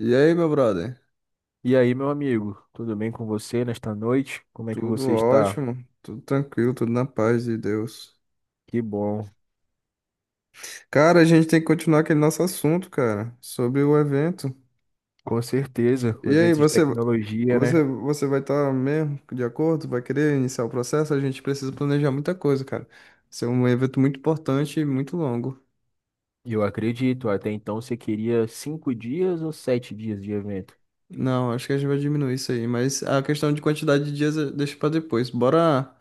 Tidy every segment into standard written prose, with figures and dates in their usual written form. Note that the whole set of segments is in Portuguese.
E aí, meu brother? E aí, meu amigo, tudo bem com você nesta noite? Como é que Tudo você está? ótimo, tudo tranquilo, tudo na paz de Deus. Que bom. Cara, a gente tem que continuar aquele nosso assunto, cara, sobre o evento. Com certeza, E o aí, evento de você, tecnologia, né? você, você vai estar mesmo de acordo? Vai querer iniciar o processo? A gente precisa planejar muita coisa, cara. Isso é um evento muito importante e muito longo. Eu acredito. Até então você queria cinco dias ou sete dias de evento? Não, acho que a gente vai diminuir isso aí, mas a questão de quantidade de dias deixa pra depois. Bora.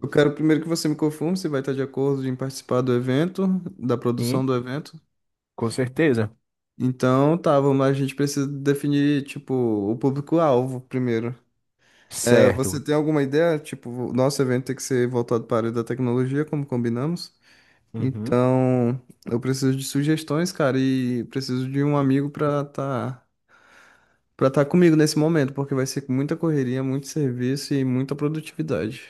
Eu quero primeiro que você me confirme se vai estar de acordo em participar do evento, da Sim, produção do evento. com certeza. Então, tá, vamos lá, a gente precisa definir, tipo, o público-alvo primeiro. É, você Certo. tem alguma ideia? Tipo, o nosso evento tem que ser voltado para a área da tecnologia, como combinamos. Uhum. Então, eu preciso de sugestões, cara, e preciso de um amigo pra tá comigo nesse momento, porque vai ser muita correria, muito serviço e muita produtividade.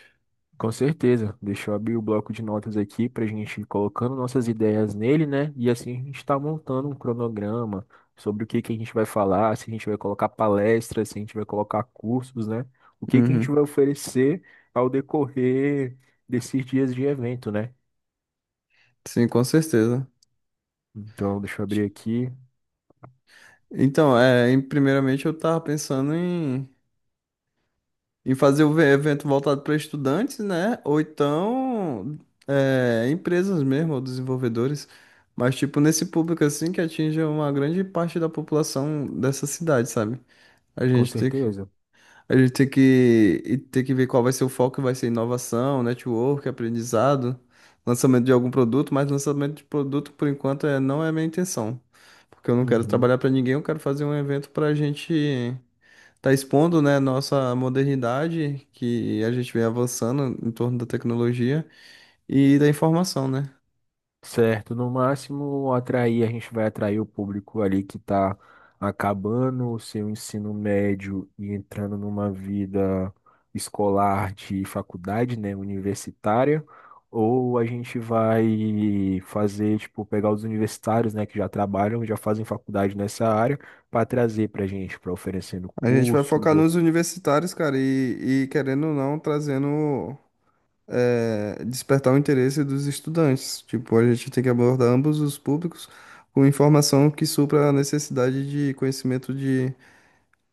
Com certeza. Deixa eu abrir o bloco de notas aqui para a gente ir colocando nossas ideias nele, né? E assim a gente está montando um cronograma sobre o que que a gente vai falar, se a gente vai colocar palestras, se a gente vai colocar cursos, né? O que que a gente Uhum. vai oferecer ao decorrer desses dias de evento, né? Sim, com certeza. Então, deixa eu abrir aqui. Então, primeiramente eu tava pensando em fazer o evento voltado para estudantes, né? Ou então empresas mesmo, ou desenvolvedores. Mas, tipo, nesse público assim que atinge uma grande parte da população dessa cidade, sabe? A Com gente tem que, certeza. a gente tem que, e tem que ver qual vai ser o foco, vai ser inovação, network, aprendizado, lançamento de algum produto, mas lançamento de produto, por enquanto, não é a minha intenção. Porque eu não quero Uhum. trabalhar para ninguém, eu quero fazer um evento para gente tá expondo, né, nossa modernidade, que a gente vem avançando em torno da tecnologia e da informação, né? Certo, no máximo atrair, a gente vai atrair o público ali que está acabando o seu ensino médio e entrando numa vida escolar de faculdade, né, universitária, ou a gente vai fazer, tipo, pegar os universitários, né, que já trabalham, já fazem faculdade nessa área, para trazer para a gente, para oferecendo A gente vai cursos. focar nos universitários, cara, e querendo ou não, trazendo, despertar o interesse dos estudantes. Tipo, a gente tem que abordar ambos os públicos com informação que supra a necessidade de conhecimento de,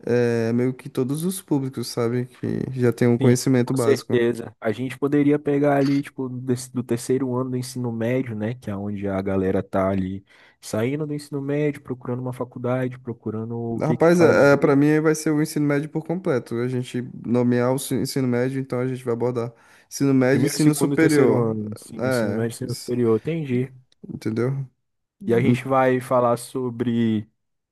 meio que todos os públicos, sabe? Que já tem um Sim, conhecimento com básico. certeza. A gente poderia pegar ali, tipo, do terceiro ano do ensino médio, né? Que é onde a galera tá ali saindo do ensino médio, procurando uma faculdade, procurando o que que Rapaz, para fazer. mim aí vai ser o ensino médio por completo. A gente nomear ensino médio, então a gente vai abordar ensino médio e Primeiro, ensino segundo e terceiro superior. ano, sim, ensino É, médio, ensino isso- superior, entendi. entendeu? E a En- gente vai falar sobre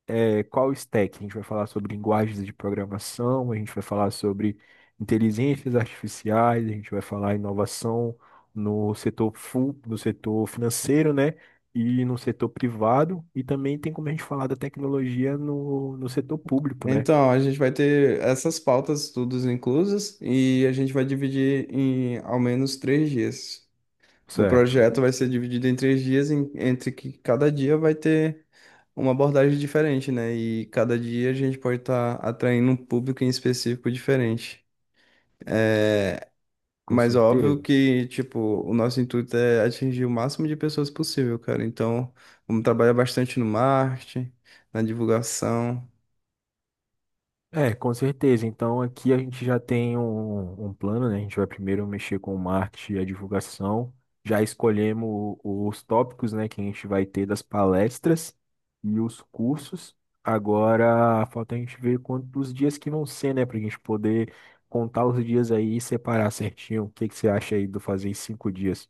qual stack? A gente vai falar sobre linguagens de programação, a gente vai falar sobre inteligências artificiais, a gente vai falar inovação no setor full, no setor financeiro, né? E no setor privado, e também tem como a gente falar da tecnologia no setor público, né? Então, a gente vai ter essas pautas todas inclusas e a gente vai dividir em ao menos 3 dias. O Certo. projeto vai ser dividido em 3 dias, entre que cada dia vai ter uma abordagem diferente, né? E cada dia a gente pode estar atraindo um público em específico diferente. Com Mas óbvio certeza. que, tipo, o nosso intuito é atingir o máximo de pessoas possível, cara. Então, vamos trabalhar bastante no marketing, na divulgação. É, com certeza. Então aqui a gente já tem um plano, né? A gente vai primeiro mexer com o marketing e a divulgação. Já escolhemos os tópicos, né, que a gente vai ter das palestras e os cursos. Agora falta a gente ver quantos dias que vão ser, né, para a gente poder contar os dias aí e separar certinho. O que que você acha aí do fazer em cinco dias?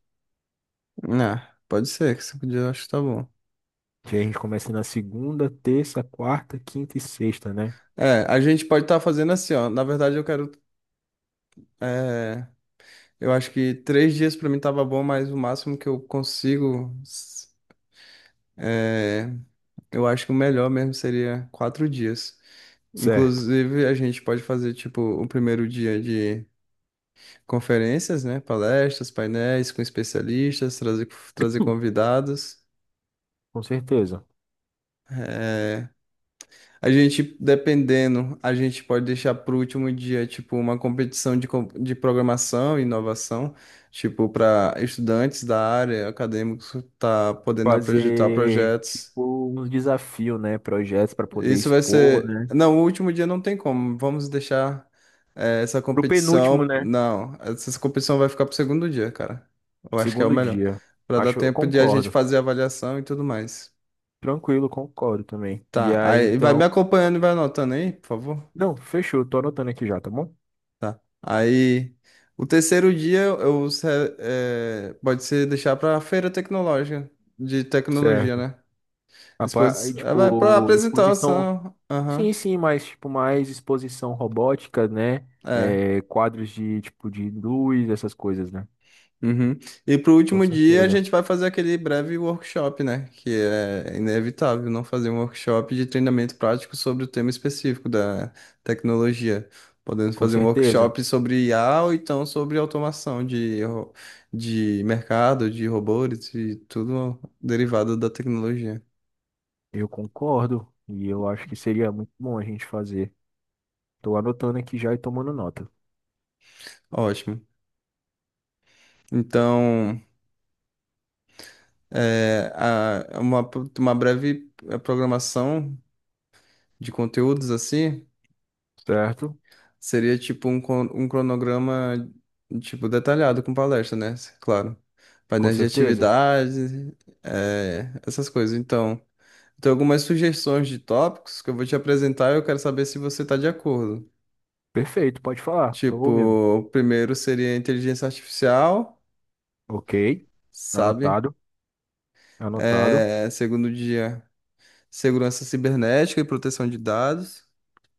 Ah, pode ser, que 5 dias eu acho que tá bom. Que a gente começa na segunda, terça, quarta, quinta e sexta, né? É, a gente pode estar fazendo assim, ó. Na verdade, eu quero. é, eu acho que 3 dias pra mim tava bom, mas o máximo que eu consigo. É, eu acho que o melhor mesmo seria 4 dias. Certo, Inclusive, a gente pode fazer, tipo, o primeiro dia de conferências, né? Palestras, painéis com especialistas, trazer, convidados. com certeza. É, a gente, dependendo, a gente pode deixar para o último dia, tipo, uma competição de programação e inovação, tipo, para estudantes da área, acadêmicos, tá podendo apresentar Fazer projetos. tipo uns desafios, né? Projetos para poder Isso vai expor, ser. né? Não, o último dia não tem como. Vamos deixar essa Pro penúltimo, competição. né? Não, essa competição vai ficar pro segundo dia, cara. Eu acho que é o Segundo melhor. dia. Pra dar Acho, eu tempo de a gente concordo. fazer a avaliação e tudo mais. Tranquilo, concordo também. E Tá. aí, Aí vai me então. acompanhando e vai anotando aí, por favor. Não, fechou, tô anotando aqui já, tá bom? Tá. Aí. O terceiro dia eu, se- eh, pode ser deixar para feira tecnológica, de tecnologia, Certo. né? Aí, Vai para tipo, exposição. apresentação. Sim, Aham. sim, mas tipo, mais exposição robótica, né? É. É, quadros de tipo de luz, essas coisas, né? Uhum. E pro Com último dia a certeza. gente vai fazer aquele breve workshop, né? Que é inevitável não fazer um workshop de treinamento prático sobre o tema específico da tecnologia. Podemos Com fazer um certeza. workshop sobre IA ou então sobre automação de mercado, de robôs e tudo derivado da tecnologia. Eu concordo. E eu acho que seria muito bom a gente fazer. Tô anotando aqui já e tomando nota. Ótimo. Então, é, a- uma, uma breve programação de conteúdos assim. Certo? Seria tipo um cronograma tipo detalhado com palestra, né? Claro. Com Painéis de certeza? atividades, essas coisas. Então, tem algumas sugestões de tópicos que eu vou te apresentar e eu quero saber se você está de acordo. Perfeito, pode falar. Tô Tipo, ouvindo. o primeiro seria inteligência artificial, Ok. sabe? Anotado, anotado, É, segundo dia, segurança cibernética e proteção de dados,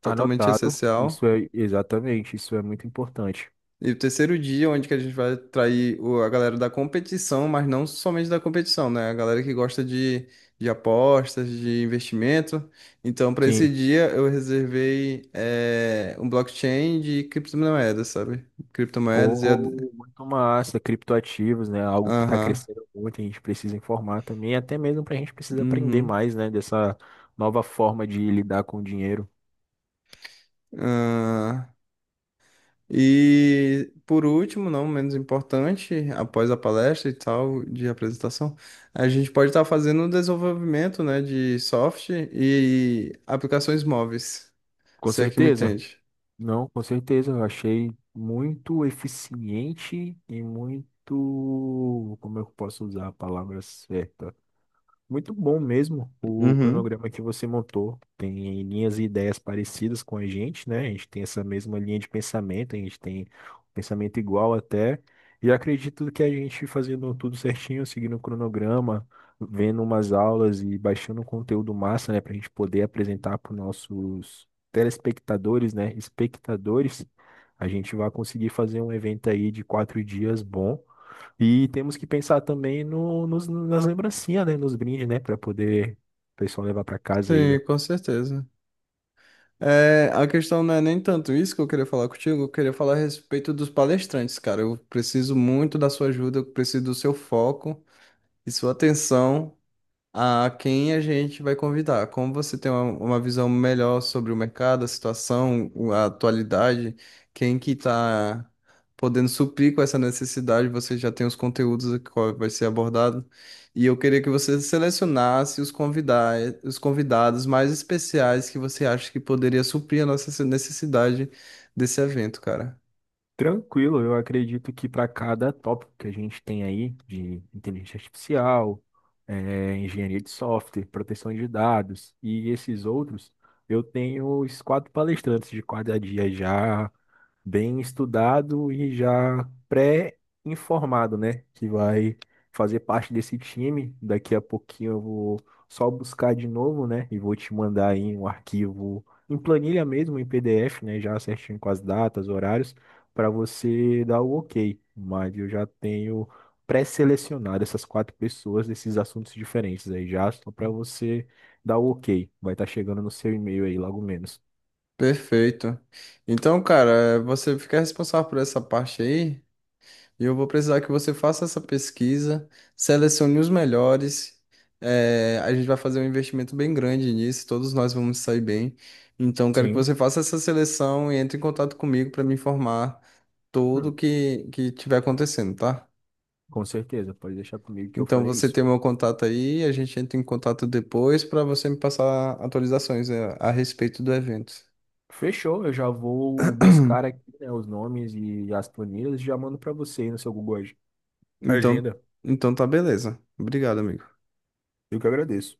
totalmente anotado. essencial. Isso é exatamente, isso é muito importante. E o terceiro dia, onde que a gente vai atrair a galera da competição, mas não somente da competição, né? A galera que gosta de apostas, de investimento. Então, para esse Sim. dia, eu reservei um blockchain de criptomoedas, sabe? Criptomoedas. Pô, muito massa, criptoativos, né? Algo que está Aham. crescendo muito, a gente precisa informar também, até mesmo para a gente precisa aprender Uhum. mais, né? Dessa nova forma de lidar com o dinheiro. Ah, e por último, não menos importante, após a palestra e tal de apresentação, a gente pode estar fazendo o desenvolvimento, né, de software e aplicações móveis, Com se é que me certeza. entende. Não, com certeza, eu achei muito eficiente e muito, como é que eu posso usar a palavra certa? Muito bom mesmo o Uhum. cronograma que você montou. Tem linhas e ideias parecidas com a gente, né? A gente tem essa mesma linha de pensamento, a gente tem um pensamento igual até. E acredito que a gente fazendo tudo certinho, seguindo o cronograma, vendo umas aulas e baixando um conteúdo massa, né? Para a gente poder apresentar para os nossos telespectadores, né? Espectadores, a gente vai conseguir fazer um evento aí de quatro dias bom. E temos que pensar também no, nos, nas lembrancinhas, né? Nos brindes, né? Para poder o pessoal levar para casa aí, né? Sim, com certeza. É, a questão não é nem tanto isso que eu queria falar contigo, eu queria falar a respeito dos palestrantes, cara. Eu preciso muito da sua ajuda, eu preciso do seu foco e sua atenção. A quem a gente vai convidar. Como você tem uma visão melhor sobre o mercado, a situação, a atualidade, quem que está podendo suprir com essa necessidade, você já tem os conteúdos que qual vai ser abordado. E eu queria que você selecionasse os convidados mais especiais que você acha que poderia suprir a nossa necessidade desse evento, cara. Tranquilo, eu acredito que para cada tópico que a gente tem aí, de inteligência artificial, engenharia de software, proteção de dados e esses outros, eu tenho os quatro palestrantes de cada dia já bem estudado e já pré-informado, né? Que vai fazer parte desse time. Daqui a pouquinho eu vou só buscar de novo, né? E vou te mandar aí um arquivo em planilha mesmo, em PDF, né? Já certinho com as datas, horários, para você dar o ok. Mas eu já tenho pré-selecionado essas quatro pessoas desses assuntos diferentes aí já, só para você dar o ok. Vai estar chegando no seu e-mail aí logo menos. Perfeito. Então, cara, você fica responsável por essa parte aí. E eu vou precisar que você faça essa pesquisa, selecione os melhores. A gente vai fazer um investimento bem grande nisso, todos nós vamos sair bem. Então, quero que Sim. você faça essa seleção e entre em contato comigo para me informar tudo que tiver acontecendo, tá? Com certeza, pode deixar comigo que eu Então, farei você isso. tem o meu contato aí, a gente entra em contato depois para você me passar atualizações a respeito do evento. Fechou, eu já vou buscar aqui, né, os nomes e as planilhas e já mando para você aí no seu Então, Agenda. então tá beleza. Obrigado, amigo. Eu que agradeço.